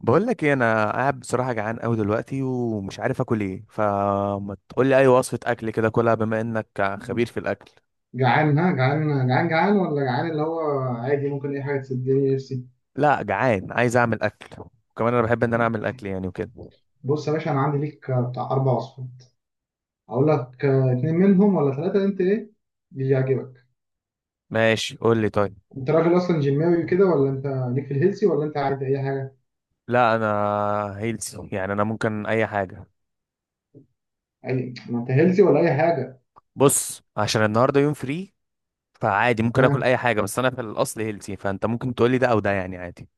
بقول لك ايه، انا قاعد بصراحه جعان قوي دلوقتي ومش عارف اكل ايه، فما تقول لي اي وصفه اكل كده، كلها بما انك خبير في الاكل. جعان؟ ها، جعان جعان جعان ولا جعان اللي هو عادي؟ ممكن اي حاجه تسدني نفسي. لا، جعان عايز اعمل اكل. وكمان انا بحب ان انا اعمل اكل يعني وكده. بص يا باشا، انا عندي ليك بتاع اربع وصفات. اقول لك اتنين منهم ولا ثلاثه؟ انت ايه اللي يعجبك؟ ماشي، قول لي طيب. انت راجل اصلا جيماوي كده ولا انت ليك في الهيلسي ولا انت عادي اي حاجه؟ لا، انا هيلثي يعني، انا ممكن اي حاجه. اي، ما انت هيلسي ولا اي حاجه. بص، عشان النهارده يوم فري. فعادي ممكن اكل تمام. اي حاجه، بس انا في الاصل هيلثي، فانت ممكن تقول لي ده او ده يعني عادي.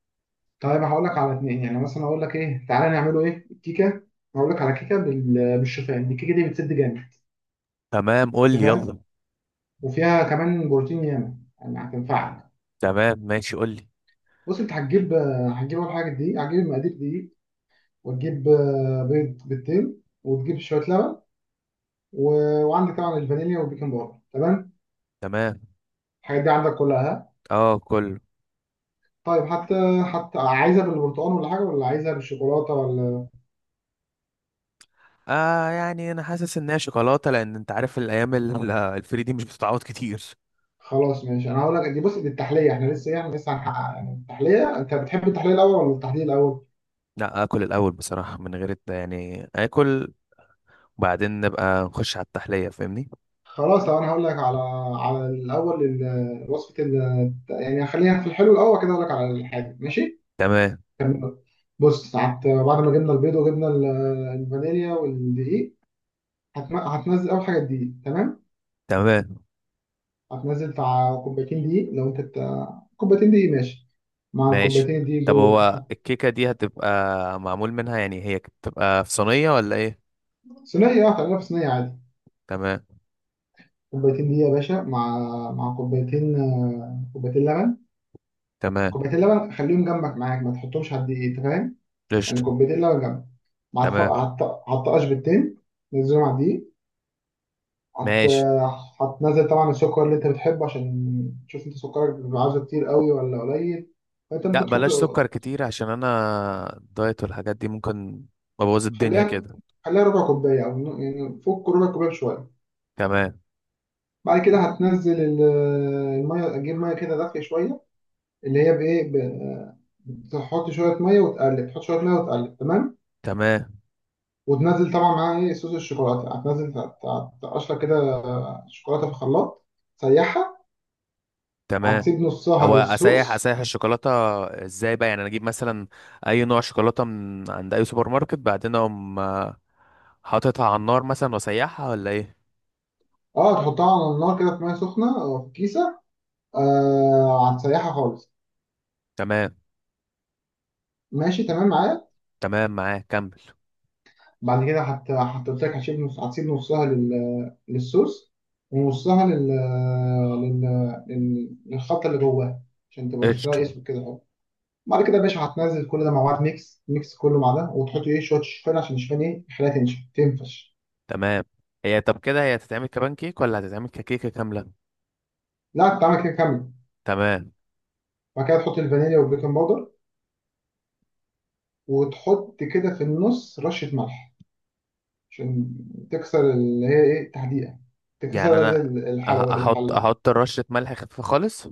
طيب هقول لك على اتنين، يعني مثلا اقول لك ايه، تعالى نعمله ايه الكيكه. هقول لك على كيكه بالشوفان. الكيكه دي بتسد جامد، تمام، قول انت لي فاهم، يلا. وفيها كمان بروتين ياما يعني هتنفعك. تمام، ماشي، قول لي. بص، انت هتجيب، اول حاجه دي هتجيب المقادير دي، وتجيب بيض، بيضتين، وتجيب شويه لبن و... وعندك طبعا الفانيليا والبيكنج باودر، تمام؟ تمام، الحاجات دي عندك كلها؟ اه كله. طيب حتى عايزها بالبرتقال ولا حاجه، ولا عايزها بالشوكولاته ولا؟ يعني انا حاسس ان هي شوكولاته، لان انت عارف الايام الفري دي مش بتتعوض كتير. خلاص ماشي، انا هقول لك دي. بص، دي التحليه، احنا لسه ايه، احنا لسه هنحقق يعني التحليه. انت بتحب التحليه الاول ولا التحليه الاول؟ لا، اكل الاول بصراحه، من غير يعني اكل. وبعدين نبقى نخش على التحليه، فاهمني. خلاص، لو انا هقول لك على على الاول وصفه ال... يعني خلينا في الحلو الاول كده، اقول لك على الحاجه، ماشي؟ تمام. بص، بعد ما جبنا البيض وجبنا الفانيليا والدقيق، هتنزل اول حاجه الدقيق، تمام. تمام، هتنزل بتاع كوبايتين دقيق، لو انت بتاع كوبايتين دقيق، ماشي. مع ماشي. الكوبايتين الدقيق طب دول هو الكيكه دي هتبقى معمول منها، يعني هي بتبقى في صينيه ولا ايه؟ صينيه، اه، هتعملها في صينيه عادي. تمام. كوبايتين دقيق يا باشا، مع كوبايتين، كوبايتين لبن. تمام. كوبايتين لبن، خليهم جنبك معاك، ما تحطهمش على الدقيق، انت فاهم. يعني قشطه. كوبايتين لبن جنبك، مع الف... تمام، على الط- على الطقاش بالتين. نزلهم على الدقيق. هت... ماشي. هتنزل طبعا السكر اللي انت بتحبه، عشان تشوف انت سكرك بيبقى عاوزه كتير قوي ولا قليل، فانت لا، ممكن تحط. بلاش سكر كتير عشان انا الدايت والحاجات دي ممكن ابوظ الدنيا خليها كده. خليها ربع كوبايه، او يعني فوق ربع كوبايه بشويه. تمام. بعد كده هتنزل الميه، اجيب ميه كده دافيه شويه، اللي هي تحط شويه ميه وتقلب، تحط شويه ميه وتقلب، تمام. تمام. وتنزل طبعا معاها ايه، صوص الشوكولاته. هتنزل تقشر كده شوكولاته في الخلاط، تسيحها. تمام. هتسيب نصها هو اسيح للصوص. اسيح الشوكولاته ازاي بقى؟ يعني انا اجيب مثلا اي نوع شوكولاته من عند اي سوبر ماركت، بعدين اقوم حاططها على النار مثلا واسيحها ولا ايه؟ اه تحطها على النار كده في ميه سخنه أو في كيسه، آه، هتسيحها خالص. تمام. ماشي؟ تمام معايا؟ تمام معاك، كمل. بعد كده قلت لك هتسيب نص، هتسيب نصها للصوص، ونصها لل... للخلطه اللي جواها، عشان تبقى شكلها قشطه. اسود كده اهو. بعد كده يا باشا هتنزل كل ده مع بعض، ميكس ميكس كله مع ده، وتحط ايه، شويه شوفان عشان الشوفان ايه، يخليها تنشف تنفش. تمام. هي طب كده هي هتتعمل كبان كيك ولا هتتعمل ككيكه كامله؟ لا، هتتعمل كده كامل. تمام. بعد كده تحط الفانيليا والبيكنج باودر، وتحط كده في النص رشه ملح، عشان تكسر اللي هي ايه، تحديقة، يعني تكسرها زي انا الحلو احط الحل احط رشه ملح خفيفه خالص.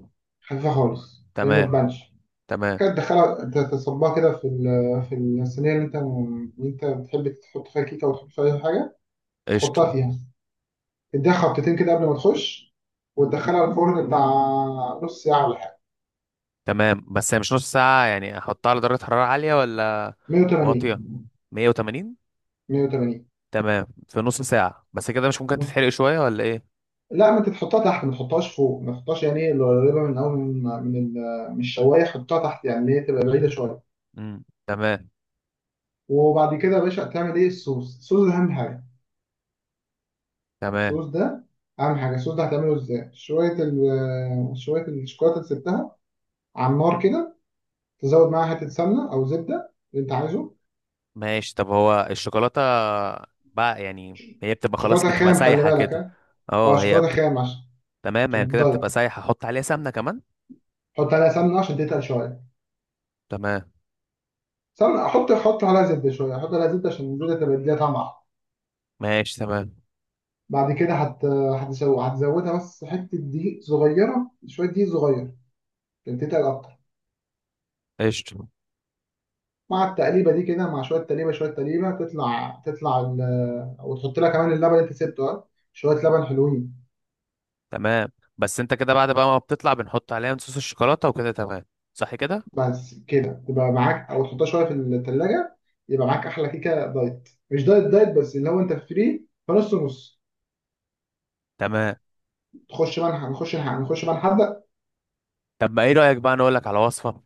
خفيفة خالص، اللي هي ما تمام. تبانش. تمام. كده تدخلها، تصبها كده في في الصينية اللي انت، اللي انت بتحب تحط فيها كيكة وتحط فيها أي حاجة. قشطه. تحطها فيها، تديها خبطتين كده قبل ما تخش، وتدخلها الفرن بتاع نص ساعة ولا حاجة. تمام. بس هي مش نص ساعه؟ يعني احطها على درجه حراره عاليه ولا واطيه؟ 180. 180. 180. تمام، في نص ساعة بس كده مش ممكن بص، تتحرق شوية ولا ايه؟ لا ما انت تحطها تحت، ما تحطهاش فوق، ما تحطهاش يعني ايه، القريبة من اول، من الشواية، حطها تحت، يعني اللي هي تبقى بعيدة شوية. تمام. وبعد كده يا باشا هتعمل ايه، الصوص. الصوص ده اهم حاجه. تمام، الصوص ده الصوص ده هتعمله ازاي؟ شويه ال آه، شويه الشوكولاته اللي سبتها على النار كده، تزود معاها حته سمنه او زبده اللي انت عايزه. ماشي. طب هو الشوكولاتة بقى، يعني هي بتبقى خلاص، شوكولاته بتبقى خام، خلي سايحة بالك كده؟ ها، اه اه، هي شوكولاته بتبقى. خام، تمام، عشان هي كده الدايت. بتبقى سايحة، حط عليها سمنة كمان؟ حط عليها سمنه عشان تتقل شويه. تمام. سمنه، حط عليها زبده شويه، حط عليها زبده عشان الزبده تبقى تديها طعم احلى. ماشي، تمام. بعد كده هتزودها بس حته دقيق صغيره، شويه دقيق صغير، عشان تتقل اكتر. قشطة. مع التقليبه دي كده، مع شويه تقليبه شويه تقليبه، تطلع تطلع ال... وتحط لها كمان اللبن اللي انت سبته، اه شويه لبن حلوين. تمام. بس انت كده بعد بقى ما بتطلع بنحط عليها صوص الشوكولاتة وكده، تمام؟ صح كده؟ بس كده تبقى معاك، او تحطها شويه في الثلاجه، يبقى معاك احلى كيكه دايت، مش دايت دايت، بس اللي هو انت فري، فنص نص. تمام. تخش بقى نخش بقى نحدق. طب ما ايه رأيك بقى انا اقول لك على وصفة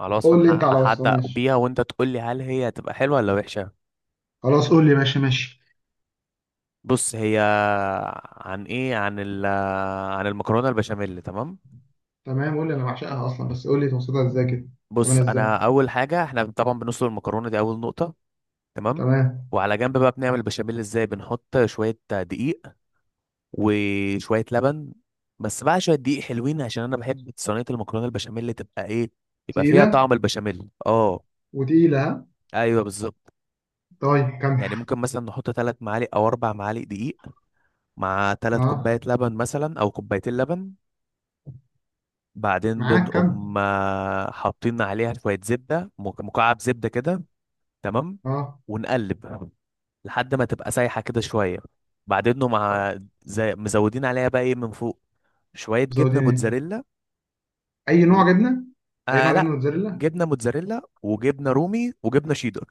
على وصفة قول لي انت على وصفه، احدق ماشي؟ بيها، وانت تقول لي هل هي هتبقى حلوة ولا وحشة؟ خلاص قول لي، ماشي ماشي. بص هي، عن ايه؟ عن المكرونه البشاميل، تمام. تمام قول لي، انا بعشقها اصلا، بس قول لي توصلها ازاي كده. بص، تعملها ازاي؟ انا اول حاجه احنا طبعا بنسلق المكرونه دي، اول نقطه. تمام. تمام. وعلى جنب بقى بنعمل البشاميل ازاي؟ بنحط شويه دقيق وشويه لبن. بس بقى شويه دقيق حلوين، عشان انا بحب صينيه المكرونه البشاميل تبقى ايه؟ يبقى فيها تقيله، طعم البشاميل، اه. وتقيله، ها؟ ايوه، بالظبط. طيب كمل. يعني ممكن مثلا نحط ثلاث معالق او اربع معالق دقيق، مع ثلاث اه. كوبايات لبن مثلا او كوبايتين لبن. بعدين معاك كمل. بنقوم حاطين عليها شوية زبدة، مكعب زبدة كده. تمام. اه. ونقلب لحد ما تبقى سايحة كده شوية. بعدين نقوم، مع زي مزودين عليها بقى ايه من فوق، شوية جبنة مزودين ايه؟ موتزاريلا. اي و... نوع جبنه؟ اي نوع لا، جبنه؟ موتزاريلا. جبنة موتزاريلا وجبنة رومي وجبنة شيدر.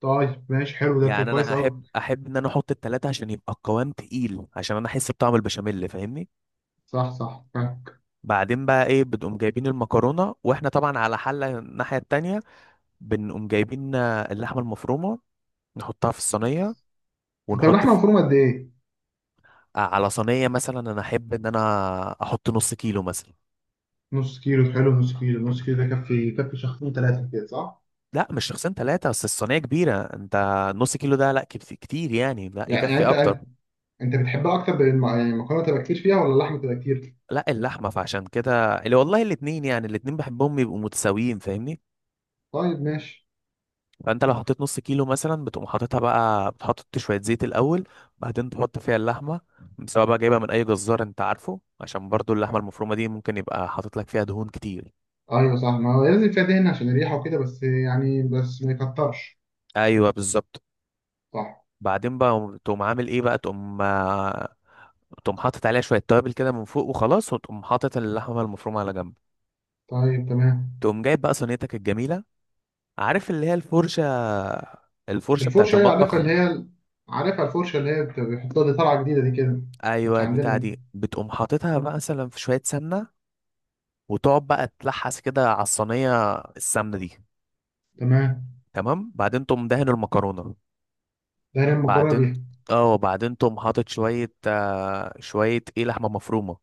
طيب ماشي، حلو، ده كده يعني انا كويس قوي. احب ان انا احط التلاتة، عشان يبقى القوام تقيل، عشان انا احس بطعم البشاميل، فاهمني. صح صح، فاهم. بعدين بقى ايه، بتقوم جايبين المكرونة، واحنا طبعا على حلة الناحية التانية بنقوم جايبين اللحمه المفرومه. نحطها في الصينيه. طب ونحط اللحمه في مفرومه قد ايه؟ على صينيه مثلا، انا احب ان انا احط ½ كيلو مثلا. نص كيلو، حلو. نص كيلو، نص كيلو ده كفي كفي شخصين ثلاثه كده صح؟ لا، مش شخصين ثلاثه، بس الصينيه كبيره انت. نص كيلو ده لا، كتير يعني، لا يعني يكفي انت اكتر. انت أنت بتحبها اكتر يعني المكرونه تبقى كتير فيها ولا اللحمه تبقى كتير؟ لا، اللحمه، فعشان كده اللي والله الاتنين، يعني الاتنين بحبهم يبقوا متساويين، فاهمني. طيب ماشي. فانت لو حطيت نص كيلو مثلا، بتقوم حاططها بقى، بتحط شويه زيت الاول. بعدين تحط فيها اللحمه. سواء بقى جايبها من اي جزار انت عارفه، عشان برضو اللحمه المفرومه دي ممكن يبقى حاطط لك فيها دهون كتير. ايوه صح، ما هو لازم فيها دهن عشان الريحه وكده، بس يعني بس ما يكترش. ايوه، بالظبط. صح. بعدين بقى تقوم عامل ايه بقى، تقوم تقوم حاطط عليها شويه توابل كده من فوق وخلاص، وتقوم حاطط اللحمه المفرومه على جنب. طيب تمام. تقوم جايب بقى صينيتك الجميله، عارف، اللي هي الفرشه، الفرشه بتاعت الفرشه، هي عارفها المطبخ. اللي هي، عارفها الفرشه اللي هي بيحطوها دي، طالعه جديده دي كده. مش ايوه، عندنا البتاعه دي. دي بتقوم حاططها بقى مثلا في شويه سمنه، وتقعد بقى تلحس كده على الصينيه السمنه دي. تمام. تمام. بعدين تقوم دهن المكرونه. ده هي المكرونه. بعدين، اه، بعدين تقوم حاطط شويه شويه ايه لحمه مفرومه،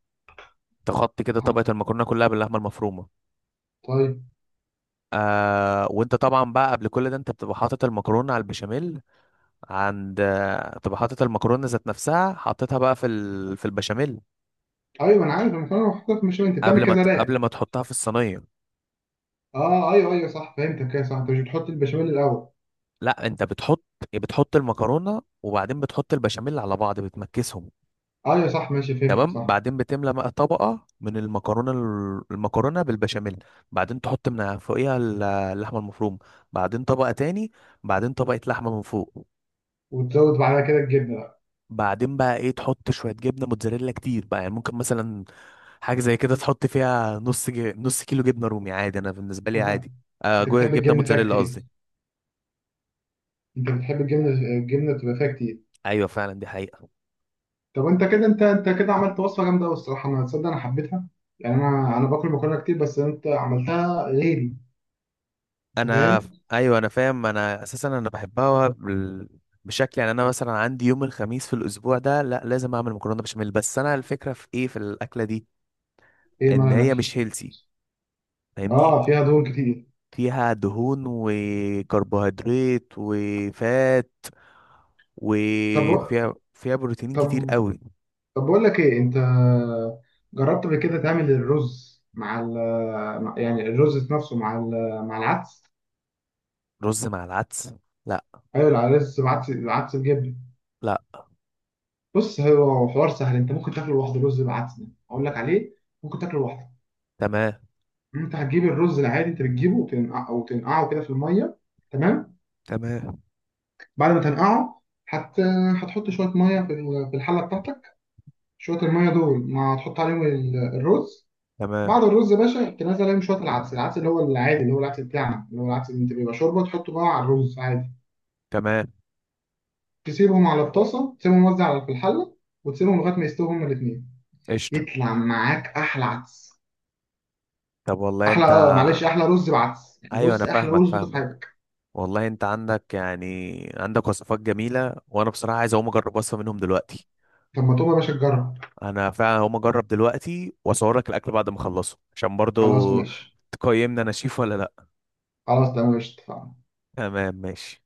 تغطي كده بيها. طبقه المكرونه كلها باللحمه المفرومه. طيب. وانت طبعا بقى قبل كل ده انت بتبقى حاطط المكرونه على البشاميل. عند آه، بتبقى حاطط المكرونه ذات نفسها، حاططها بقى في البشاميل. ايوه انا عارف، انا فاهم، حطيت بشاميل، انت بتعمل كذا، قبل لا؟ ما تحطها في الصينيه. اه ايوه ايوه صح، فهمتك كده صح. انت مش بتحط البشاميل الاول؟ لا، انت بتحط، بتحط المكرونه وبعدين بتحط البشاميل على بعض، بتمكسهم. ايوه صح، ماشي فهمتك تمام. صح. بعدين بتملى بقى طبقه من المكرونه، المكرونه بالبشاميل. بعدين تحط من فوقيها اللحمه المفرومه. بعدين طبقه تاني. بعدين طبقه لحمه من فوق. وتزود بعدها كده الجبنه بقى. بعدين بقى ايه، تحط شويه جبنه موتزاريلا كتير بقى، يعني ممكن مثلا حاجه زي كده، تحط فيها نص كيلو جبنه رومي، عادي، انا بالنسبه لي عادي. انت بتحب جبنه الجبنه فيها موتزاريلا كتير. قصدي. انت بتحب الجبنه، الجبنه تبقى فيها كتير. ايوه، فعلا دي حقيقه. طب انت كده، انت كده عملت وصفه جامده قوي الصراحه، انا تصدق انا حبيتها. يعني انا باكل مكرونه كتير، بس انت عملتها غيري، انت انا، فاهم؟ ايوه انا فاهم، انا اساسا انا بحبها بشكل يعني، انا مثلا عندي يوم الخميس في الاسبوع ده لا لازم اعمل مكرونه بشاميل، بس انا الفكره في ايه في الاكله دي؟ ايه، ما ان انا هي الاكل. مش هيلسي، فاهمني. اه، فيها دهون كتير. فيها دهون وكربوهيدرات وفات. طب وفيها بروتين كتير طب قوي. طب بقول لك ايه، انت جربت قبل كده تعمل الرز مع ال يعني الرز نفسه مع العدس؟ رز مع العدس؟ لا. ايوه، العدس بعدس، العدس بجبن. لا بص، هو حوار سهل، انت ممكن تاكله لوحده، رز بعدس ده اقول لك عليه، ممكن تاكله لوحده. تمام. انت هتجيب الرز العادي، انت بتجيبه وتنقع، وتنقعه كده في الميه، تمام. تمام. بعد ما تنقعه، هت هتحط شويه ميه في في الحله بتاعتك، شويه الميه دول ما هتحط عليهم الرز. تمام. بعد الرز يا باشا تنزل عليهم شويه العدس، العدس اللي هو العادي، اللي هو العدس بتاعنا، اللي هو العدس اللي انت بيبقى شوربه، تحطه بقى على الرز عادي. تمام. تسيبهم على الطاسه، تسيبهم موزع على في الحله، وتسيبهم لغايه ما يستووا هما الاثنين. قشطة. يطلع معاك احلى عدس. طب والله احلى، انت. اه معلش، احلى رز بعدس يعني. ايوه بص، انا احلى فاهمك رز دوته في فاهمك. حياتك. والله انت عندك، يعني عندك وصفات جميلة، وانا بصراحة عايز اقوم اجرب وصفة منهم دلوقتي. طب ما تقوم يا باشا تجرب. انا فعلا هقوم اجرب دلوقتي واصور لك الاكل بعد ما اخلصه، عشان برضو خلاص ماشي. تقيمني انا شيف ولا لا. خلاص تمام ماشي، اتفقنا. تمام ماشي.